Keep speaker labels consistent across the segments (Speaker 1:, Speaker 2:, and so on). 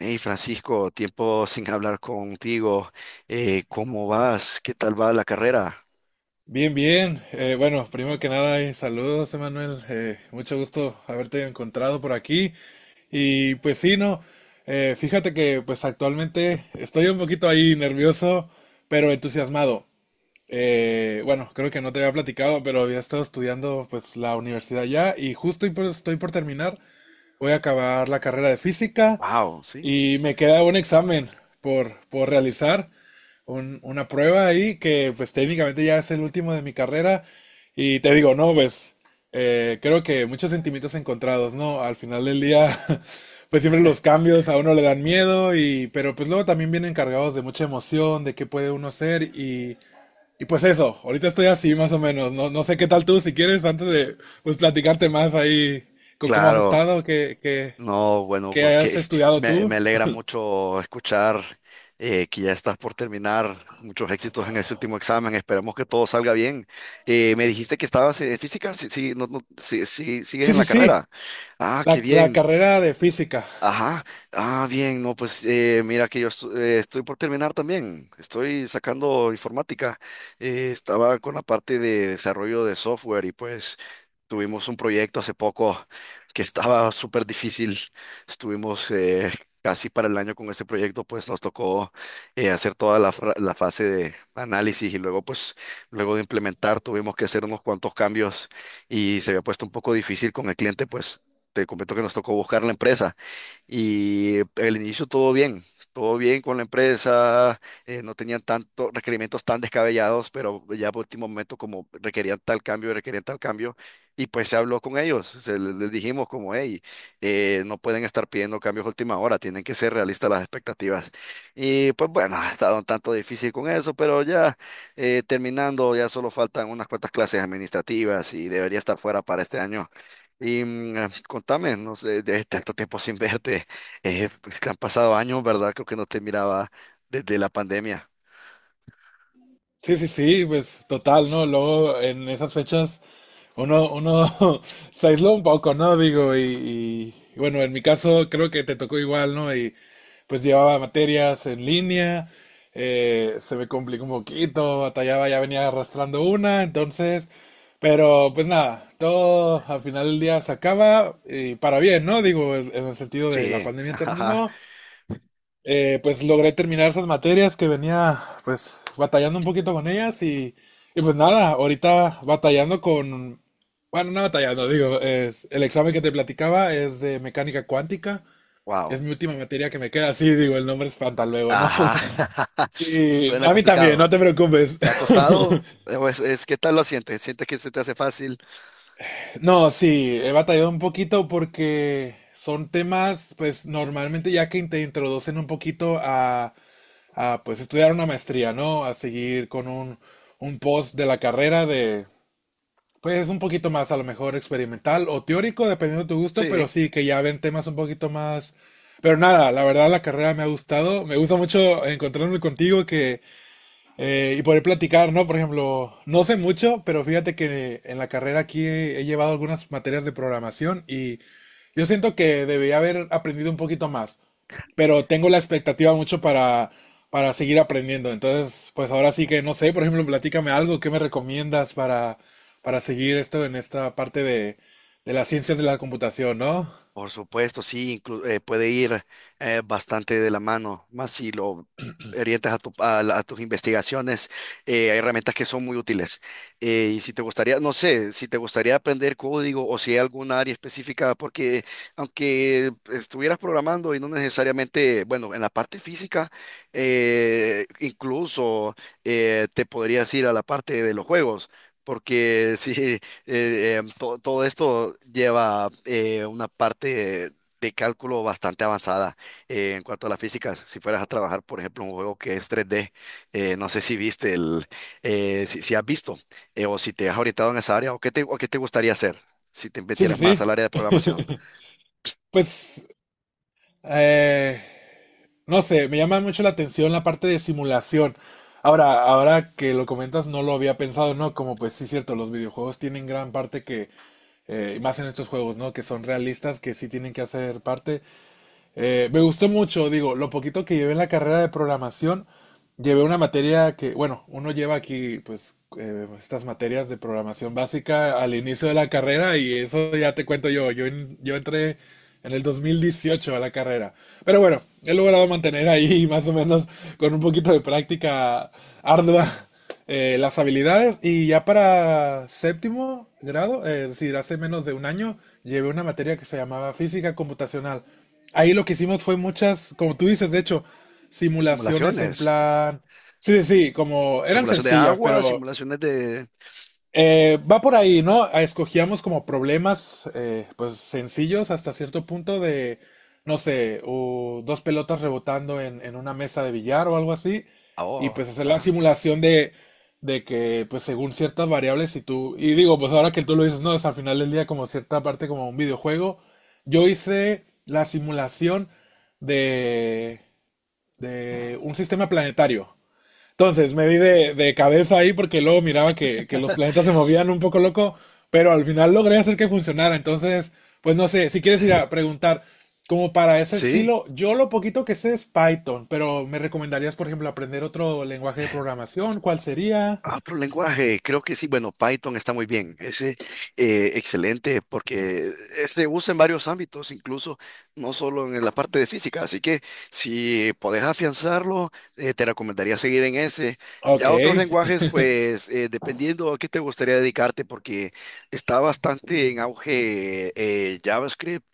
Speaker 1: Hey Francisco, tiempo sin hablar contigo. ¿Cómo vas? ¿Qué tal va la carrera?
Speaker 2: Bien, bien. Bueno, primero que nada, saludos, Emanuel. Mucho gusto haberte encontrado por aquí. Y pues sí, no. Fíjate que pues actualmente estoy un poquito ahí nervioso, pero entusiasmado. Bueno, creo que no te había platicado, pero había estado estudiando pues la universidad ya y estoy por terminar. Voy a acabar la carrera de física
Speaker 1: Wow, sí.
Speaker 2: y me queda un examen por realizar, una prueba ahí que pues técnicamente ya es el último de mi carrera. Y te digo, no, pues creo que muchos sentimientos encontrados, ¿no? Al final del día, pues siempre los cambios a uno le dan miedo, y, pero pues luego también vienen cargados de mucha emoción, de qué puede uno ser y... Y pues eso, ahorita estoy así más o menos, no, no sé qué tal tú, si quieres, antes de pues, platicarte más ahí, con cómo has
Speaker 1: Claro,
Speaker 2: estado, qué,
Speaker 1: no, bueno,
Speaker 2: qué
Speaker 1: gu-
Speaker 2: has
Speaker 1: que
Speaker 2: estudiado
Speaker 1: me,
Speaker 2: tú.
Speaker 1: me alegra mucho escuchar que ya estás por terminar. Muchos éxitos en ese último examen. Esperemos que todo salga bien. Me dijiste que estabas en física, sí, sí, no, no, sí, sí, sigues
Speaker 2: Sí,
Speaker 1: en
Speaker 2: sí,
Speaker 1: la
Speaker 2: sí.
Speaker 1: carrera. Ah, qué
Speaker 2: La
Speaker 1: bien.
Speaker 2: carrera de física.
Speaker 1: Ajá, ah, bien, no, pues mira que estoy por terminar también, estoy sacando informática. Estaba con la parte de desarrollo de software y pues tuvimos un proyecto hace poco que estaba súper difícil. Estuvimos casi para el año con ese proyecto, pues nos tocó hacer toda la, la fase de análisis y luego de implementar tuvimos que hacer unos cuantos cambios y se había puesto un poco difícil con el cliente. Pues te comento que nos tocó buscar la empresa. Y el inicio todo bien con la empresa. No tenían tantos requerimientos tan descabellados, pero ya por último momento como requerían tal cambio, y pues se habló con ellos, les dijimos como, hey, no pueden estar pidiendo cambios a última hora, tienen que ser realistas las expectativas. Y pues bueno, ha estado un tanto difícil con eso, pero ya terminando, ya solo faltan unas cuantas clases administrativas y debería estar fuera para este año. Y contame, no sé, de tanto tiempo sin verte, pues que han pasado años, ¿verdad? Creo que no te miraba desde la pandemia.
Speaker 2: Sí, sí, sí, pues total, ¿no? Luego en esas fechas uno se aisló un poco, ¿no? Digo, y bueno, en mi caso creo que te tocó igual, ¿no? Y pues llevaba materias en línea, se me complicó un poquito, batallaba, ya venía arrastrando una, entonces, pero pues nada, todo al final del día se acaba y para bien, ¿no? Digo, en el sentido de la
Speaker 1: Sí,
Speaker 2: pandemia
Speaker 1: ajá,
Speaker 2: terminó. Pues logré terminar esas materias que venía pues batallando un poquito con ellas y pues nada, ahorita batallando con, bueno, no batallando, digo, es, el examen que te platicaba es de mecánica cuántica,
Speaker 1: wow,
Speaker 2: es mi última materia que me queda, así digo, el nombre espanta luego, ¿no?
Speaker 1: ajá,
Speaker 2: Y
Speaker 1: suena
Speaker 2: a mí también,
Speaker 1: complicado.
Speaker 2: no te preocupes.
Speaker 1: ¿Te ha costado? ¿Qué tal lo sientes? ¿Sientes que se te hace fácil?
Speaker 2: No, sí, he batallado un poquito porque son temas, pues normalmente ya que te introducen un poquito a pues estudiar una maestría, ¿no? A seguir con un post de la carrera de, pues un poquito más a lo mejor experimental o teórico, dependiendo de tu gusto, pero
Speaker 1: Sí.
Speaker 2: sí que ya ven temas un poquito más... Pero nada, la verdad la carrera me ha gustado, me gusta mucho encontrarme contigo que y poder platicar, ¿no? Por ejemplo, no sé mucho, pero fíjate que en la carrera aquí he llevado algunas materias de programación y yo siento que debería haber aprendido un poquito más, pero tengo la expectativa mucho para seguir aprendiendo. Entonces, pues ahora sí que no sé, por ejemplo, platícame algo, ¿qué me recomiendas para seguir esto en esta parte de las ciencias de la computación, ¿no?
Speaker 1: Por supuesto, sí, puede ir bastante de la mano, más si lo orientas a, a tus investigaciones. Hay herramientas que son muy útiles. Y si te gustaría, no sé, si te gustaría aprender código o si hay alguna área específica, porque aunque estuvieras programando y no necesariamente, bueno, en la parte física, incluso te podrías ir a la parte de los juegos. Porque sí, todo esto lleva una parte de cálculo bastante avanzada en cuanto a la física. Si fueras a trabajar, por ejemplo, un juego que es 3D, no sé si viste el, si, si has visto o si te has orientado en esa área o o qué te gustaría hacer si te
Speaker 2: Sí, sí,
Speaker 1: metieras más
Speaker 2: sí.
Speaker 1: al área de programación.
Speaker 2: Pues, eh, no sé, me llama mucho la atención la parte de simulación. Ahora que lo comentas, no lo había pensado, ¿no? Como pues sí, cierto, los videojuegos tienen gran parte que, y más en estos juegos, ¿no? Que son realistas, que sí tienen que hacer parte. Me gustó mucho, digo, lo poquito que llevé en la carrera de programación, llevé una materia que, bueno, uno lleva aquí, pues, estas materias de programación básica al inicio de la carrera y eso ya te cuento yo. Yo, yo entré en el 2018 a la carrera. Pero bueno, he logrado mantener ahí más o menos con un poquito de práctica ardua las habilidades y ya para séptimo grado, es decir, hace menos de un año, llevé una materia que se llamaba física computacional. Ahí lo que hicimos fue muchas, como tú dices, de hecho, simulaciones en
Speaker 1: Simulaciones,
Speaker 2: plan. Sí, sí, sí, como eran
Speaker 1: simulación de
Speaker 2: sencillas,
Speaker 1: agua,
Speaker 2: pero
Speaker 1: simulaciones de...
Speaker 2: va por ahí, ¿no? Ah, escogíamos como problemas, pues sencillos hasta cierto punto de, no sé, o dos pelotas rebotando en una mesa de billar o algo así,
Speaker 1: Ah,
Speaker 2: y
Speaker 1: oh,
Speaker 2: pues hacer la
Speaker 1: ajá.
Speaker 2: simulación de que, pues según ciertas variables, si tú, y digo, pues ahora que tú lo dices, no, es al final del día como cierta parte como un videojuego, yo hice la simulación de, de un sistema planetario. Entonces me di de cabeza ahí porque luego miraba que los planetas se movían un poco loco, pero al final logré hacer que funcionara. Entonces, pues no sé, si quieres ir a preguntar como para ese
Speaker 1: Sí.
Speaker 2: estilo, yo lo poquito que sé es Python, pero ¿me recomendarías, por ejemplo, aprender otro lenguaje de programación? ¿Cuál sería?
Speaker 1: Ah, otro lenguaje, creo que sí. Bueno, Python está muy bien, ese excelente porque se usa en varios ámbitos, incluso no solo en la parte de física, así que si podés afianzarlo, te recomendaría seguir en ese.
Speaker 2: Ok.
Speaker 1: Ya otros lenguajes, pues dependiendo a qué te gustaría dedicarte, porque está bastante en auge JavaScript,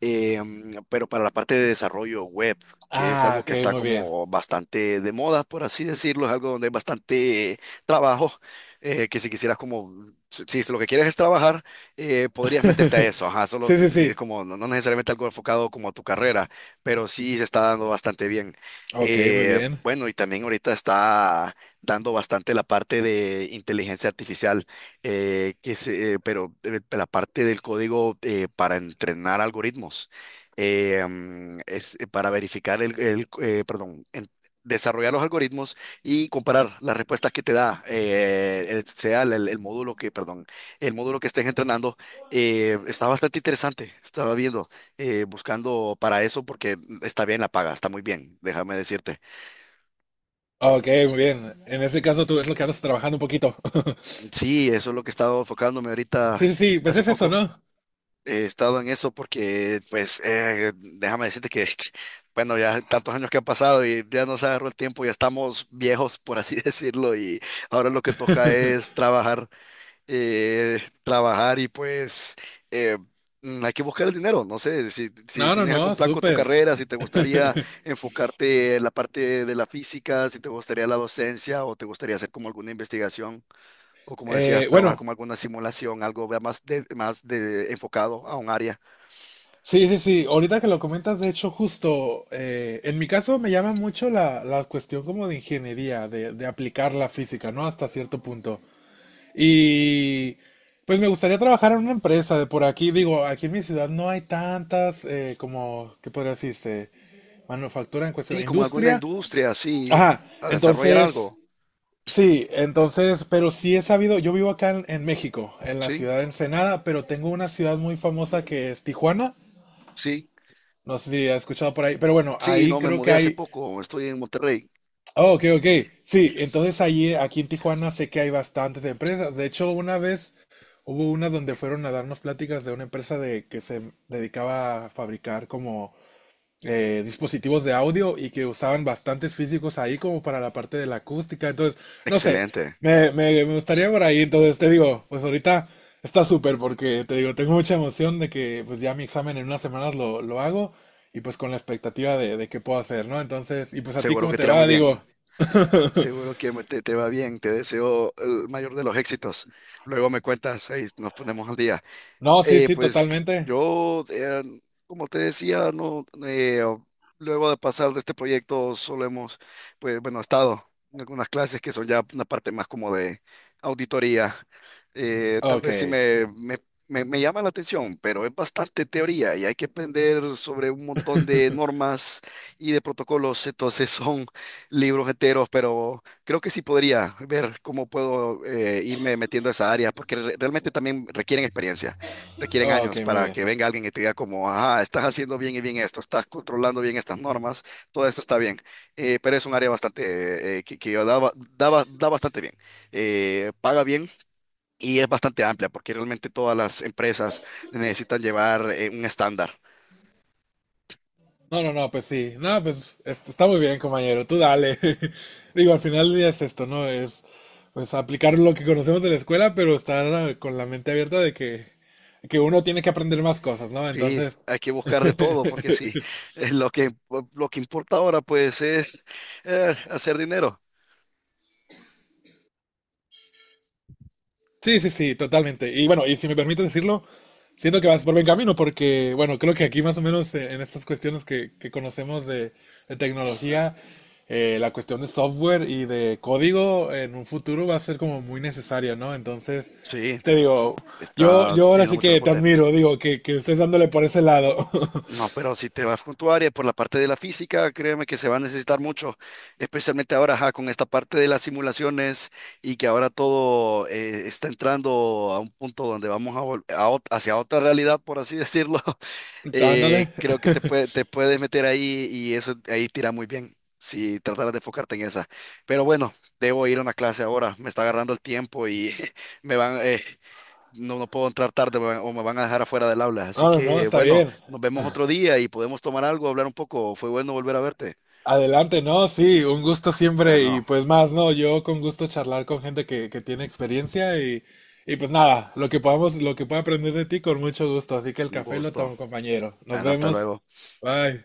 Speaker 1: pero para la parte de desarrollo web, que es
Speaker 2: Ah,
Speaker 1: algo
Speaker 2: ok,
Speaker 1: que está
Speaker 2: muy bien.
Speaker 1: como bastante de moda, por así decirlo, es algo donde hay bastante trabajo. Que si quisieras como, si, si lo que quieres es trabajar, podrías meterte a eso, ajá, solo
Speaker 2: Sí, sí,
Speaker 1: si es
Speaker 2: sí.
Speaker 1: como, no, no necesariamente algo enfocado como a tu carrera, pero sí se está dando bastante bien.
Speaker 2: Ok, muy bien.
Speaker 1: Bueno, y también ahorita está dando bastante la parte de inteligencia artificial, pero la parte del código para entrenar algoritmos, es para verificar perdón, desarrollar los algoritmos y comparar las respuestas que te da el- sea el módulo que, perdón, el módulo que estés entrenando está bastante interesante. Estaba viendo, buscando para eso porque está bien la paga, está muy bien, déjame decirte.
Speaker 2: Ok, muy bien. En ese caso tú es lo que andas trabajando un poquito.
Speaker 1: Sí, eso es lo que he estado enfocándome
Speaker 2: Sí,
Speaker 1: ahorita
Speaker 2: sí, sí, pues
Speaker 1: hace
Speaker 2: es eso,
Speaker 1: poco.
Speaker 2: ¿no?
Speaker 1: He estado en eso porque, pues, déjame decirte que, bueno, ya tantos años que han pasado y ya nos agarró el tiempo, ya estamos viejos, por así decirlo. Y ahora lo que toca es trabajar, trabajar y pues eh, hay que buscar el dinero. No sé, si, si
Speaker 2: No, no,
Speaker 1: tienes algún
Speaker 2: no,
Speaker 1: plan con tu
Speaker 2: súper.
Speaker 1: carrera, si te gustaría enfocarte en la parte de la física, si te gustaría la docencia o te gustaría hacer como alguna investigación o como decías,
Speaker 2: Eh,
Speaker 1: trabajar
Speaker 2: bueno,
Speaker 1: como alguna simulación, algo más, más de, enfocado a un área.
Speaker 2: sí, sí, sí. Ahorita que lo comentas, de hecho, justo en mi caso me llama mucho la cuestión como de ingeniería, de aplicar la física, ¿no? Hasta cierto punto. Y pues me gustaría trabajar en una empresa de por aquí. Digo, aquí en mi ciudad no hay tantas, como, ¿qué podría decirse? Manufactura en
Speaker 1: Sí,
Speaker 2: cuestión,
Speaker 1: como alguna
Speaker 2: industria.
Speaker 1: industria, sí,
Speaker 2: Ajá,
Speaker 1: a desarrollar
Speaker 2: entonces,
Speaker 1: algo.
Speaker 2: sí, entonces, pero sí he sabido, yo vivo acá en México, en la
Speaker 1: Sí,
Speaker 2: ciudad de Ensenada, pero tengo una ciudad muy famosa que es Tijuana.
Speaker 1: sí,
Speaker 2: No sé si has escuchado por ahí, pero bueno,
Speaker 1: sí,
Speaker 2: ahí
Speaker 1: no me
Speaker 2: creo que
Speaker 1: mudé hace
Speaker 2: hay...
Speaker 1: poco, estoy en Monterrey.
Speaker 2: Oh, ok, ok. Sí, entonces allí aquí en Tijuana sé que hay bastantes empresas. De hecho, una vez hubo una donde fueron a darnos pláticas de una empresa de que se dedicaba a fabricar como dispositivos de audio y que usaban bastantes físicos ahí como para la parte de la acústica. Entonces, no sé,
Speaker 1: Excelente,
Speaker 2: me gustaría por ahí. Entonces, te digo, pues ahorita está súper porque te digo, tengo mucha emoción de que pues ya mi examen en unas semanas lo hago y pues con la expectativa de qué puedo hacer, ¿no? Entonces, y pues a ti
Speaker 1: seguro
Speaker 2: cómo
Speaker 1: que
Speaker 2: te
Speaker 1: te irá muy
Speaker 2: va, digo,
Speaker 1: bien. Seguro que te va bien, te deseo el mayor de los éxitos. Luego me cuentas, ahí nos ponemos al día.
Speaker 2: no, sí, sí,
Speaker 1: Pues
Speaker 2: totalmente.
Speaker 1: yo, como te decía, no, luego de pasar de este proyecto solo hemos, pues bueno, estado en algunas clases que son ya una parte más como de auditoría. Tal
Speaker 2: Ok,
Speaker 1: vez sí me llama la atención, pero es bastante teoría y hay que aprender sobre un montón de normas y de protocolos, entonces son libros enteros, pero creo que sí podría ver cómo puedo irme metiendo a esa área, porque realmente también requieren experiencia, requieren
Speaker 2: ok,
Speaker 1: años
Speaker 2: muy
Speaker 1: para
Speaker 2: bien.
Speaker 1: que venga alguien y te diga como, ah, estás haciendo bien y bien esto, estás controlando bien estas normas, todo esto está bien. Pero es un área bastante, que da, ba- da ba- da bastante bien. Paga bien y es bastante amplia porque realmente todas las empresas necesitan llevar un estándar.
Speaker 2: No, no, no, pues sí. No, pues es- está muy bien, compañero. Tú dale. Digo, al final del día es esto, ¿no? Es pues aplicar lo que conocemos de la escuela, pero estar ah, con la mente abierta de que uno tiene que aprender más cosas, ¿no?
Speaker 1: Sí,
Speaker 2: Entonces,
Speaker 1: hay que buscar de todo porque sí, eh, lo que, lo que importa ahora pues es hacer dinero.
Speaker 2: sí, sí, sí, totalmente. Y bueno, y si me permites decirlo, siento que vas por buen camino porque, bueno, creo que aquí más o menos en estas cuestiones que conocemos de tecnología, la cuestión de software y de código en un futuro va a ser como muy necesaria, ¿no? Entonces,
Speaker 1: Sí,
Speaker 2: te digo,
Speaker 1: está
Speaker 2: yo ahora
Speaker 1: teniendo
Speaker 2: sí
Speaker 1: mucho
Speaker 2: que te
Speaker 1: reporte.
Speaker 2: admiro, digo, que estés dándole por ese lado.
Speaker 1: No, pero si te vas con tu área por la parte de la física, créeme que se va a necesitar mucho, especialmente ahora ajá, con esta parte de las simulaciones y que ahora todo está entrando a un punto donde vamos a hacia otra realidad, por así decirlo.
Speaker 2: Ándale.
Speaker 1: Creo que te puedes meter ahí y eso ahí tira muy bien si trataras de enfocarte en esa. Pero bueno, debo ir a una clase ahora, me está agarrando el tiempo y me van. No, no puedo entrar tarde, me van- o me van a dejar afuera del aula. Así
Speaker 2: No, no, no,
Speaker 1: que
Speaker 2: está
Speaker 1: bueno,
Speaker 2: bien.
Speaker 1: nos vemos otro día y podemos tomar algo, hablar un poco. Fue bueno volver a verte.
Speaker 2: Adelante, no, sí, un gusto siempre
Speaker 1: Bueno,
Speaker 2: y pues más, no, yo con gusto charlar con gente que tiene experiencia y pues nada, lo que podamos, lo que pueda aprender de ti con mucho gusto, así que el
Speaker 1: un
Speaker 2: café lo
Speaker 1: gusto.
Speaker 2: tomo, compañero. Nos
Speaker 1: Bueno, hasta
Speaker 2: vemos,
Speaker 1: luego.
Speaker 2: bye.